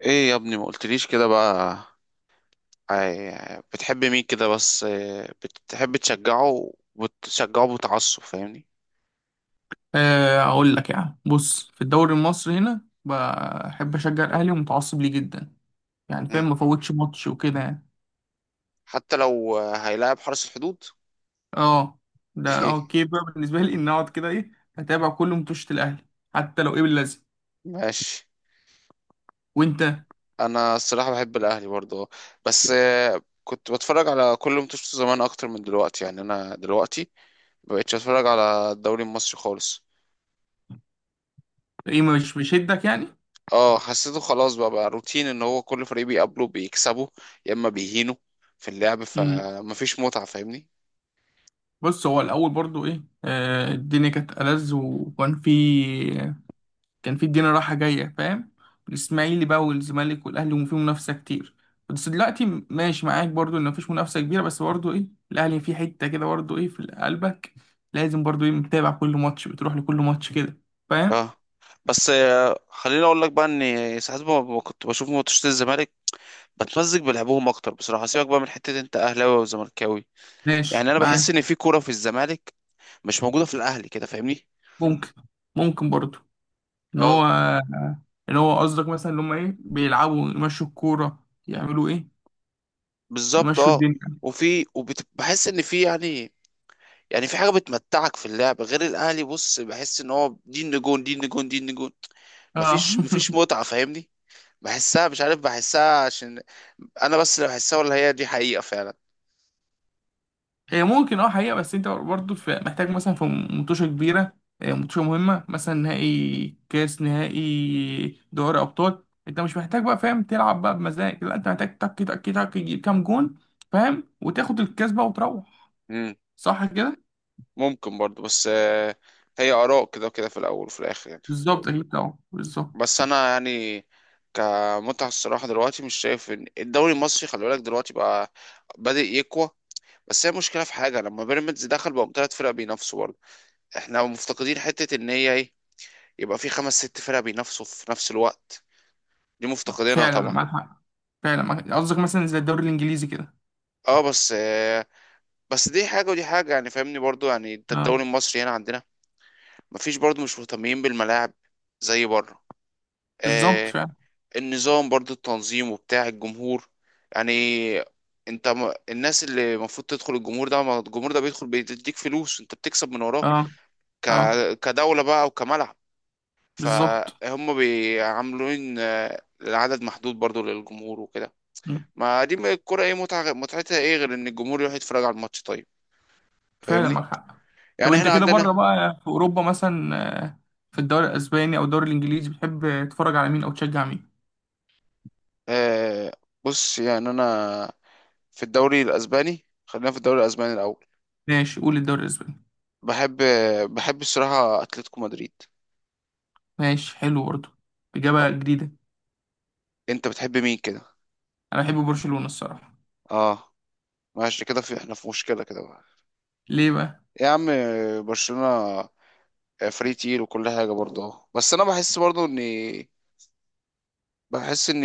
ايه يا ابني ما قلتليش كده بقى؟ بتحب مين كده بس بتحب تشجعه وبتشجعه بتعصب فاهمني؟ آه، اقول لك يعني بص في الدوري المصري هنا بحب اشجع الاهلي ومتعصب ليه جدا. يعني فاهم، مم. ما فوتش ماتش وكده يعني. حتى لو هيلاعب حرس الحدود. اه، ده اوكي بقى بالنسبه لي ان اقعد كده ايه، اتابع كل ماتشات الاهلي حتى لو ايه باللازم. ماشي. وانت؟ انا الصراحة بحب الاهلي برضه، بس كنت بتفرج على كل ماتشاته زمان اكتر من دلوقتي، يعني انا دلوقتي مبقتش اتفرج على الدوري المصري خالص. ايه، مش بيشدك يعني؟ اه، حسيته خلاص بقى روتين ان هو كل فريق بيقابله بيكسبه يا اما بيهينه في اللعب، امم فمفيش متعة فاهمني. بص، هو الاول برضو ايه، آه، الدنيا كانت ألذ، وكان في، كان في الدنيا رايحة جاية فاهم. الإسماعيلي بقى والزمالك والأهلي، وفي منافسة كتير. بس دلوقتي ماشي معاك برضو إن مفيش منافسة كبيرة، بس برضو إيه، الأهلي في حتة كده برضو إيه في قلبك، لازم برضو إيه متابع كل ماتش، بتروح لكل ماتش كده فاهم. اه، بس خليني اقول لك بقى ان ساعات ما كنت بشوف ماتشات الزمالك بتمزج بلعبهم اكتر بصراحه، سيبك بقى من حته انت اهلاوي وزملكاوي، يعني ماشي انا بحس ان معاك. في كوره في الزمالك مش موجوده في الاهلي كده فاهمني. ممكن ممكن برضو إن هو، اه إن هو قصدك مثلا إن هما إيه بيلعبوا، يمشوا الكورة، يعملوا إيه، بالظبط يمشوا اه. الدنيا. وبحس ان في يعني، يعني في حاجه بتمتعك في اللعب غير الاهلي، بص بحس ان هو دي النجوم دي النجوم دي النجوم، آه. مفيش متعه فاهمني. بحسها مش عارف بحسها، عشان انا بس اللي بحسها، ولا هي دي حقيقه فعلا؟ هي ممكن اه حقيقة، بس انت برضه محتاج مثلا في مطوشة كبيرة، آه، مطوشة مهمة، مثلا نهائي كاس، نهائي دوري أبطال، انت مش محتاج بقى فاهم تلعب بقى بمزاج، لا، انت محتاج تك تك تك تجيب كام جون فاهم، وتاخد الكاس بقى وتروح. صح كده؟ ممكن برضو، بس هي آراء كده وكده في الأول وفي الآخر يعني. بالظبط، اكيد طبعا، بالظبط. بس أنا يعني كمتعة الصراحة دلوقتي مش شايف إن الدوري المصري، خلي بالك دلوقتي بقى بادئ يقوى، بس هي مشكلة في حاجة، لما بيراميدز دخل بقوا تلات فرق بينافسوا برضه، احنا مفتقدين حتة إن هي إيه، يبقى في خمس ست فرق بينافسوا في نفس الوقت، دي لا، مفتقدينها فعلا طبعا. معاك حق، فعلا معاك حق. قصدك مثلا زي الدوري الإنجليزي كده. اه، بس دي حاجة ودي حاجة يعني فاهمني برضو، يعني انت اه، الدوري المصري هنا عندنا مفيش برضو، مش مهتمين بالملاعب زي بره. بالظبط آه، فعلا. النظام برضو التنظيم وبتاع الجمهور، يعني انت ما الناس اللي المفروض تدخل الجمهور ده، ما الجمهور ده بيدخل بيديك فلوس، انت بتكسب من وراه اه. ك... اه، كدولة بقى وكملعب، بالظبط. فهم بيعاملين العدد محدود برضو للجمهور وكده، ما دي الكرة ايه، متعة متعتها ايه غير ان الجمهور يروح يتفرج على الماتش طيب فعلا معاك فاهمني؟ حق. طب يعني انت احنا كده عندنا. بره بقى في اوروبا مثلا، آه، في الدوري الاسباني او الدوري الانجليزي بتحب تتفرج على مين او تشجع مين؟ آه، بص يعني انا في الدوري الاسباني، خلينا في الدوري الاسباني الاول، ماشي، قول الدوري الاسباني. بحب، بحب الصراحة اتلتيكو مدريد. ماشي، حلو برضه، آه، اجابه جديده. انت بتحب مين كده؟ انا بحب برشلونه الصراحه. اه ماشي كده، في احنا في مشكله كده بقى. ليه بقى؟ يا عم، برشلونه فري تيل وكل حاجه برضه أهو. بس انا بحس برضه ان، بحس ان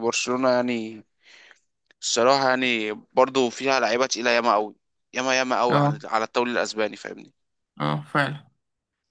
برشلونه يعني، الصراحه يعني برضه فيها لعيبه تقيله ياما قوي، ياما ياما قوي على اه. على الدوري الاسباني فاهمني. اه فعلا.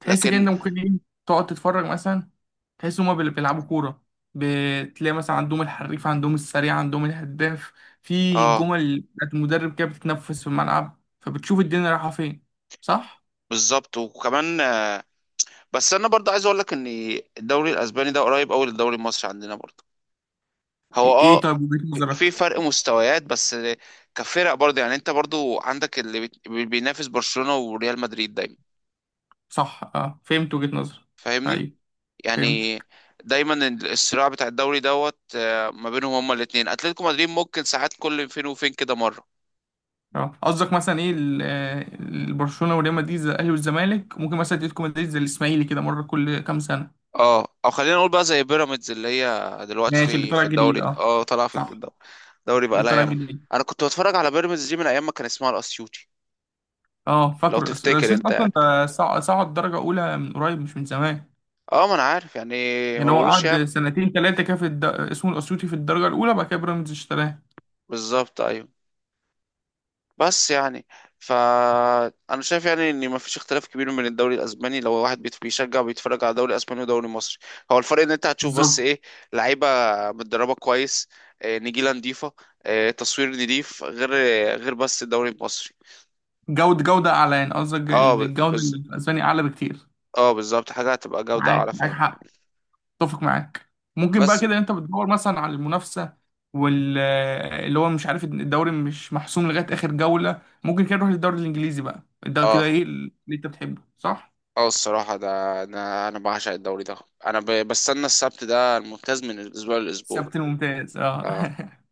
تحس كده انت لكن ممكن ايه تقعد تتفرج مثلا، تحس هما بيلعبوا كوره. بتلاقي مثلا عندهم الحريف، عندهم السريع، عندهم الهداف، في اه جمل بتاعت المدرب كده بتتنفس في الملعب، فبتشوف الدنيا رايحه فين. صح؟ بالظبط. وكمان بس انا برضه عايز اقول لك ان الدوري الاسباني ده قريب قوي للدوري المصري عندنا برضه، هو ايه، إيه اه، طيب وجهة في نظرك؟ فرق مستويات بس، كفرق برضه يعني انت برضه عندك اللي بينافس برشلونة وريال مدريد دايما صح اه، فهمت وجهة نظرك. فاهمني، ايوه يعني فهمت. دايما الصراع بتاع الدوري دوت ما بينهم هما الاتنين، اتلتيكو مدريد ممكن ساعات كل فين وفين كده مرة. اه، قصدك مثلا ايه برشلونه وريال مدريد زي الاهلي والزمالك، ممكن مثلا اتلتيكو مدريد زي الاسماعيلي كده، مره كل كام سنه. اه او خلينا نقول بقى زي بيراميدز اللي هي ماشي، اللي دلوقتي طالع في جديد الدوري، اه. اه طالعه في صح، الدوري، الدوري بقى اللي لها طالع ياما. جديد. انا كنت بتفرج على بيراميدز دي من ايام ما كان اسمها الاسيوطي اه لو فاكره تفتكر الاسيس انت اصلا، يعني، ده صعد درجه اولى من قريب مش من زمان. اه ما انا عارف يعني. ما يعني هو بقولوش قعد ياما. سنتين ثلاثه كده في الد... اسمه الاسيوطي في الدرجه الاولى، بعد كده بيراميدز اشتراه. بالظبط ايوه. بس يعني فأنا شايف يعني إن مفيش اختلاف كبير بين الدوري الأسباني، لو واحد بيشجع وبيتفرج على دوري أسباني ودوري مصري، هو الفرق إن أنت هتشوف بس بالظبط. إيه، لعيبة متدربة كويس، نجيلة نضيفة، تصوير نضيف، غير، بس الدوري المصري. جوده، جوده اعلى، يعني قصدك اه، ان الجوده الاسباني اعلى بكتير. اه بالظبط حاجة هتبقى جودة معاك، أعلى معاك فعلا. حق، اتفق معاك. ممكن بقى بس كده انت بتدور مثلا على المنافسه وال اللي هو مش عارف الدوري مش محسوم لغايه اخر جوله. ممكن كده نروح للدوري الانجليزي بقى، ده كده اه، ايه اللي انت بتحبه، صح؟ اه الصراحة ده، أنا بعشق الدوري ده، أنا بستنى السبت ده الممتاز من الأسبوع للأسبوع. السبت الممتاز اه. اه.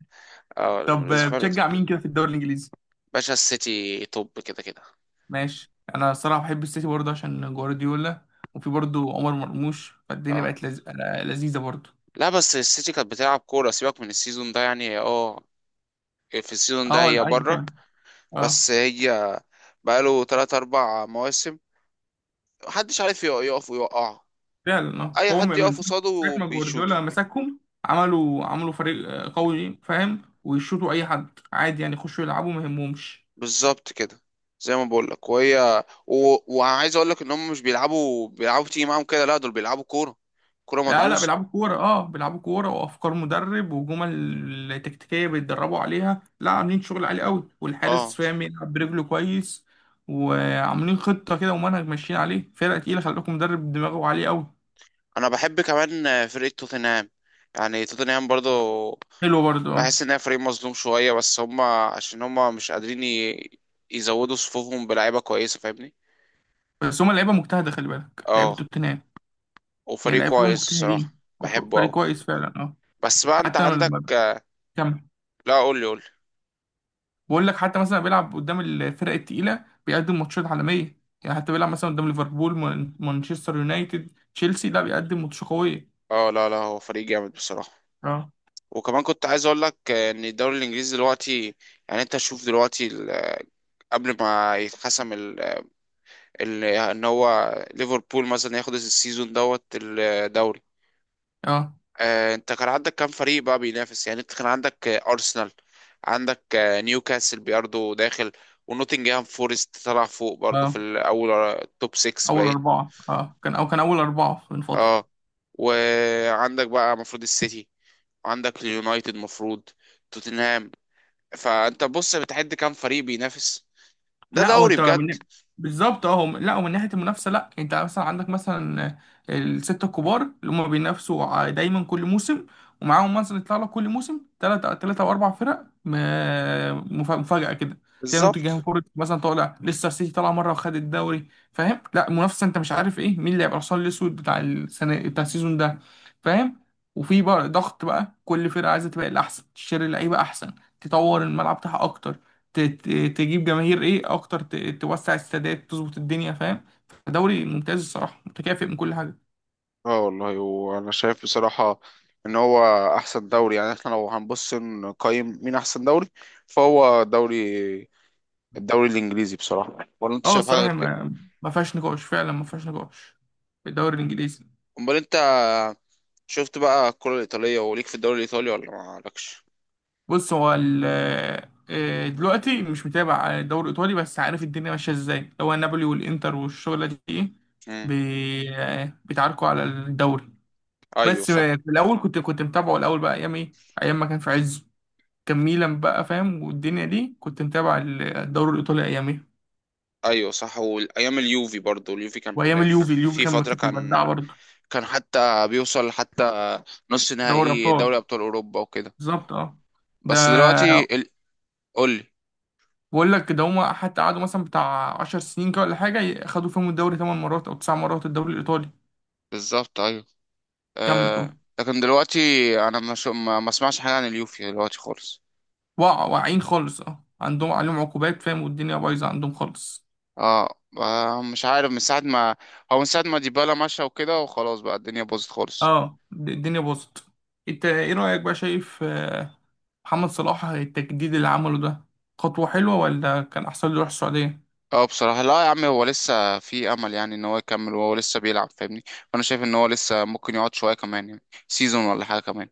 اه، طب الأسبوع للأسبوع. بتشجع مين كده في الدوري الانجليزي؟ باشا السيتي توب كده كده. ماشي، انا الصراحه بحب السيتي برضه عشان جوارديولا، وفي برضه عمر مرموش، فالدنيا اه بقت لذيذه برضه. لا، بس السيتي كانت بتلعب كورة، سيبك من السيزون ده يعني، هي اه في السيزون ده اه هي لا، اي بره، فعلا. اه بس هي بقاله تلات أربع مواسم محدش عارف يقف ويوقعه، فعلا. اه، أي هو حد من يقف ساعة قصاده ما جوارديولا بيشوطه. مسكهم، عملوا فريق آه، قوي فاهم، ويشوطوا أي حد عادي يعني، يخشوا يلعبوا ما يهمهمش. بالظبط كده، زي ما بقولك وعايز أقولك إن هم مش بيلعبوا، بيلعبوا تيجي معاهم كده، لا دول بيلعبوا كورة، كورة لا لا، مدروسة. بيلعبوا كورة، اه، بيلعبوا كورة وأفكار مدرب وجمل تكتيكية بيتدربوا عليها. لا، عاملين شغل عالي قوي، والحارس اه، فاهم يلعب برجله كويس. وعاملين خطة كده ومنهج ماشيين عليه، فرقة تقيلة، خلي بالكم مدرب دماغه عالي قوي. أنا بحب كمان فرقة توتنهام، يعني توتنهام برضه حلو برضه اه. بحس ان هي فريق مظلوم شويه، بس هم عشان هم مش قادرين يزودوا صفوفهم بلعيبه كويسه فاهمني. بس هما لعيبة مجتهدة، خلي بالك لعيبة اه توتنهام، يعني وفريق لعيبة كويس الصراحه، مجتهدين بحبه وفريق قوي، كويس فعلا اه. بس بقى انت حتى، عندك. كمل. لا قول لي، قول لي. بقول لك حتى مثلا بيلعب قدام الفرق التقيلة، بيقدم ماتشات عالمية يعني، حتى بيلعب مثلا قدام ليفربول، مانشستر يونايتد، تشيلسي، لا بيقدم ماتش قوية. اه لا لا، هو فريق جامد بصراحه. اه. وكمان كنت عايز اقول لك ان الدوري الانجليزي دلوقتي، يعني انت شوف دلوقتي قبل ما يتحسم ان هو ليفربول مثلا ياخد السيزون دوت الدوري، اه. انت كان عندك كام فريق بقى بينافس، يعني انت كان عندك ارسنال، عندك نيوكاسل برضه داخل، ونوتنجهام فورست طلع فوق برضه في اه، الاول، توب 6 اول باين. اربعة اه كان، او كان اول اربعة من فترة. اه، وعندك بقى المفروض السيتي، عندك اليونايتد المفروض، توتنهام، فانت بص بتعد كام فريق بينافس، ده لا هو دوري انت بجد. من، بالظبط اهو. لا، ومن ناحيه المنافسه، لا انت مثلا عندك مثلا السته الكبار اللي هم بينافسوا دايما كل موسم، ومعاهم مثلا يطلع لك كل موسم ثلاثه ثلاثه او اربع فرق مفاجاه كده. تلاقي بالظبط. نوتنجهام فورست مثلا طالع لسه، السيتي طالع مره وخد الدوري فاهم، لا منافسه، انت مش عارف ايه مين اللي هيبقى الحصان الاسود بتاع السنه بتاع السيزون ده فاهم. وفي بقى ضغط بقى، كل فرقه عايزه تبقى الاحسن، تشتري لعيبه احسن، تطور الملعب بتاعها اكتر، تجيب جماهير ايه اكتر، توسع السادات، تظبط الدنيا فاهم. دوري ممتاز الصراحه، متكافئ من كل حاجه. اه والله، وانا شايف بصراحة ان هو احسن دوري، يعني احنا لو هنبص نقيم مين احسن دوري، فهو دوري، الدوري الانجليزي بصراحه، ولا انت اه شايف حاجه الصراحه، غير كده؟ ما فيهاش نقاش، فعلا ما فيهاش نقاش، في الدوري الانجليزي. امال انت شفت بقى الكره الايطاليه وليك في الدوري الايطالي ولا ما لكش؟ بص هو آه، دلوقتي مش متابع الدوري الايطالي، بس عارف الدنيا ماشيه ازاي، هو نابولي والانتر والشغله دي ايه. امم. آه، بيتعاركوا على الدوري. ايوه بس صح، آه، في الاول كنت متابعه الاول بقى، ايام ايه، ايام ما كان في عزه، كان ميلان بقى فاهم، والدنيا دي كنت متابع الدوري الايطالي ايام إيه؟ ايوه صح. والايام اليوفي برضو، اليوفي كان وايام اليوفي، اليوفي في كان فتره كانت كان، مبدعه برضه. كان حتى بيوصل حتى نص دوري نهائي ابطال، دوري ابطال اوروبا وكده. بالظبط اه. ده، بس دلوقتي قول لي. بقول لك ده هما حتى قعدوا مثلا بتاع 10 سنين كده ولا حاجه خدوا فيهم الدوري 8 مرات او 9 مرات، الدوري الايطالي. بالظبط ايوه. كمل آه... قول. لكن دلوقتي انا ما شو... ما ما اسمعش حاجه عن اليوفي دلوقتي خالص. وقع، واقعين خالص اه، عندهم عليهم عقوبات فاهم، والدنيا بايظه عندهم خالص. اه مش عارف من ساعة ما، هو من ساعة ما ديبالا مشى وكده، وخلاص بقى الدنيا باظت خالص. اه، الدنيا باظت. انت ايه رايك بقى، شايف آه، محمد صلاح التجديد اللي عمله ده خطوه حلوه، ولا كان احسن له يروح السعوديه؟ اه بصراحة لا يا عم، هو لسه في امل يعني ان هو يكمل، وهو لسه بيلعب فاهمني، فانا شايف ان هو لسه ممكن يقعد شوية كمان، يعني سيزون ولا حاجة كمان.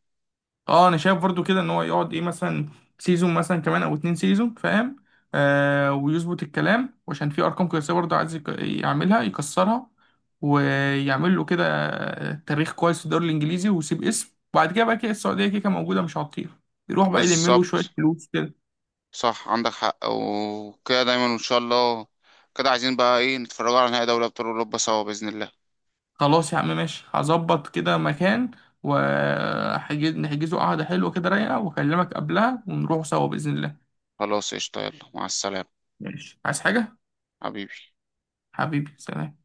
اه انا شايف برضو كده ان هو يقعد ايه مثلا سيزون مثلا كمان او اتنين سيزون فاهم، آه ويظبط الكلام، وعشان في ارقام قياسيه برضو عايز يعملها يكسرها، ويعمل له كده آه، تاريخ كويس في الدوري الانجليزي، ويسيب اسم. وبعد كده بقى، كده السعوديه كده كده موجوده مش هتطير، يروح بقى يلم له شويه بالظبط، فلوس كده. صح عندك حق، وكده دايما ان شاء الله، كده عايزين بقى ايه نتفرجوا على نهائي دوري ابطال اوروبا سوا بإذن الله. خلاص يا عم، ماشي، هظبط كده مكان وهحجز، نحجزه قعده حلوه كده رايقه، واكلمك قبلها ونروح سوا باذن الله. خلاص قشطة، يلا مع السلامة، ماشي، عايز حاجه؟ حبيبي. حبيبي سلام.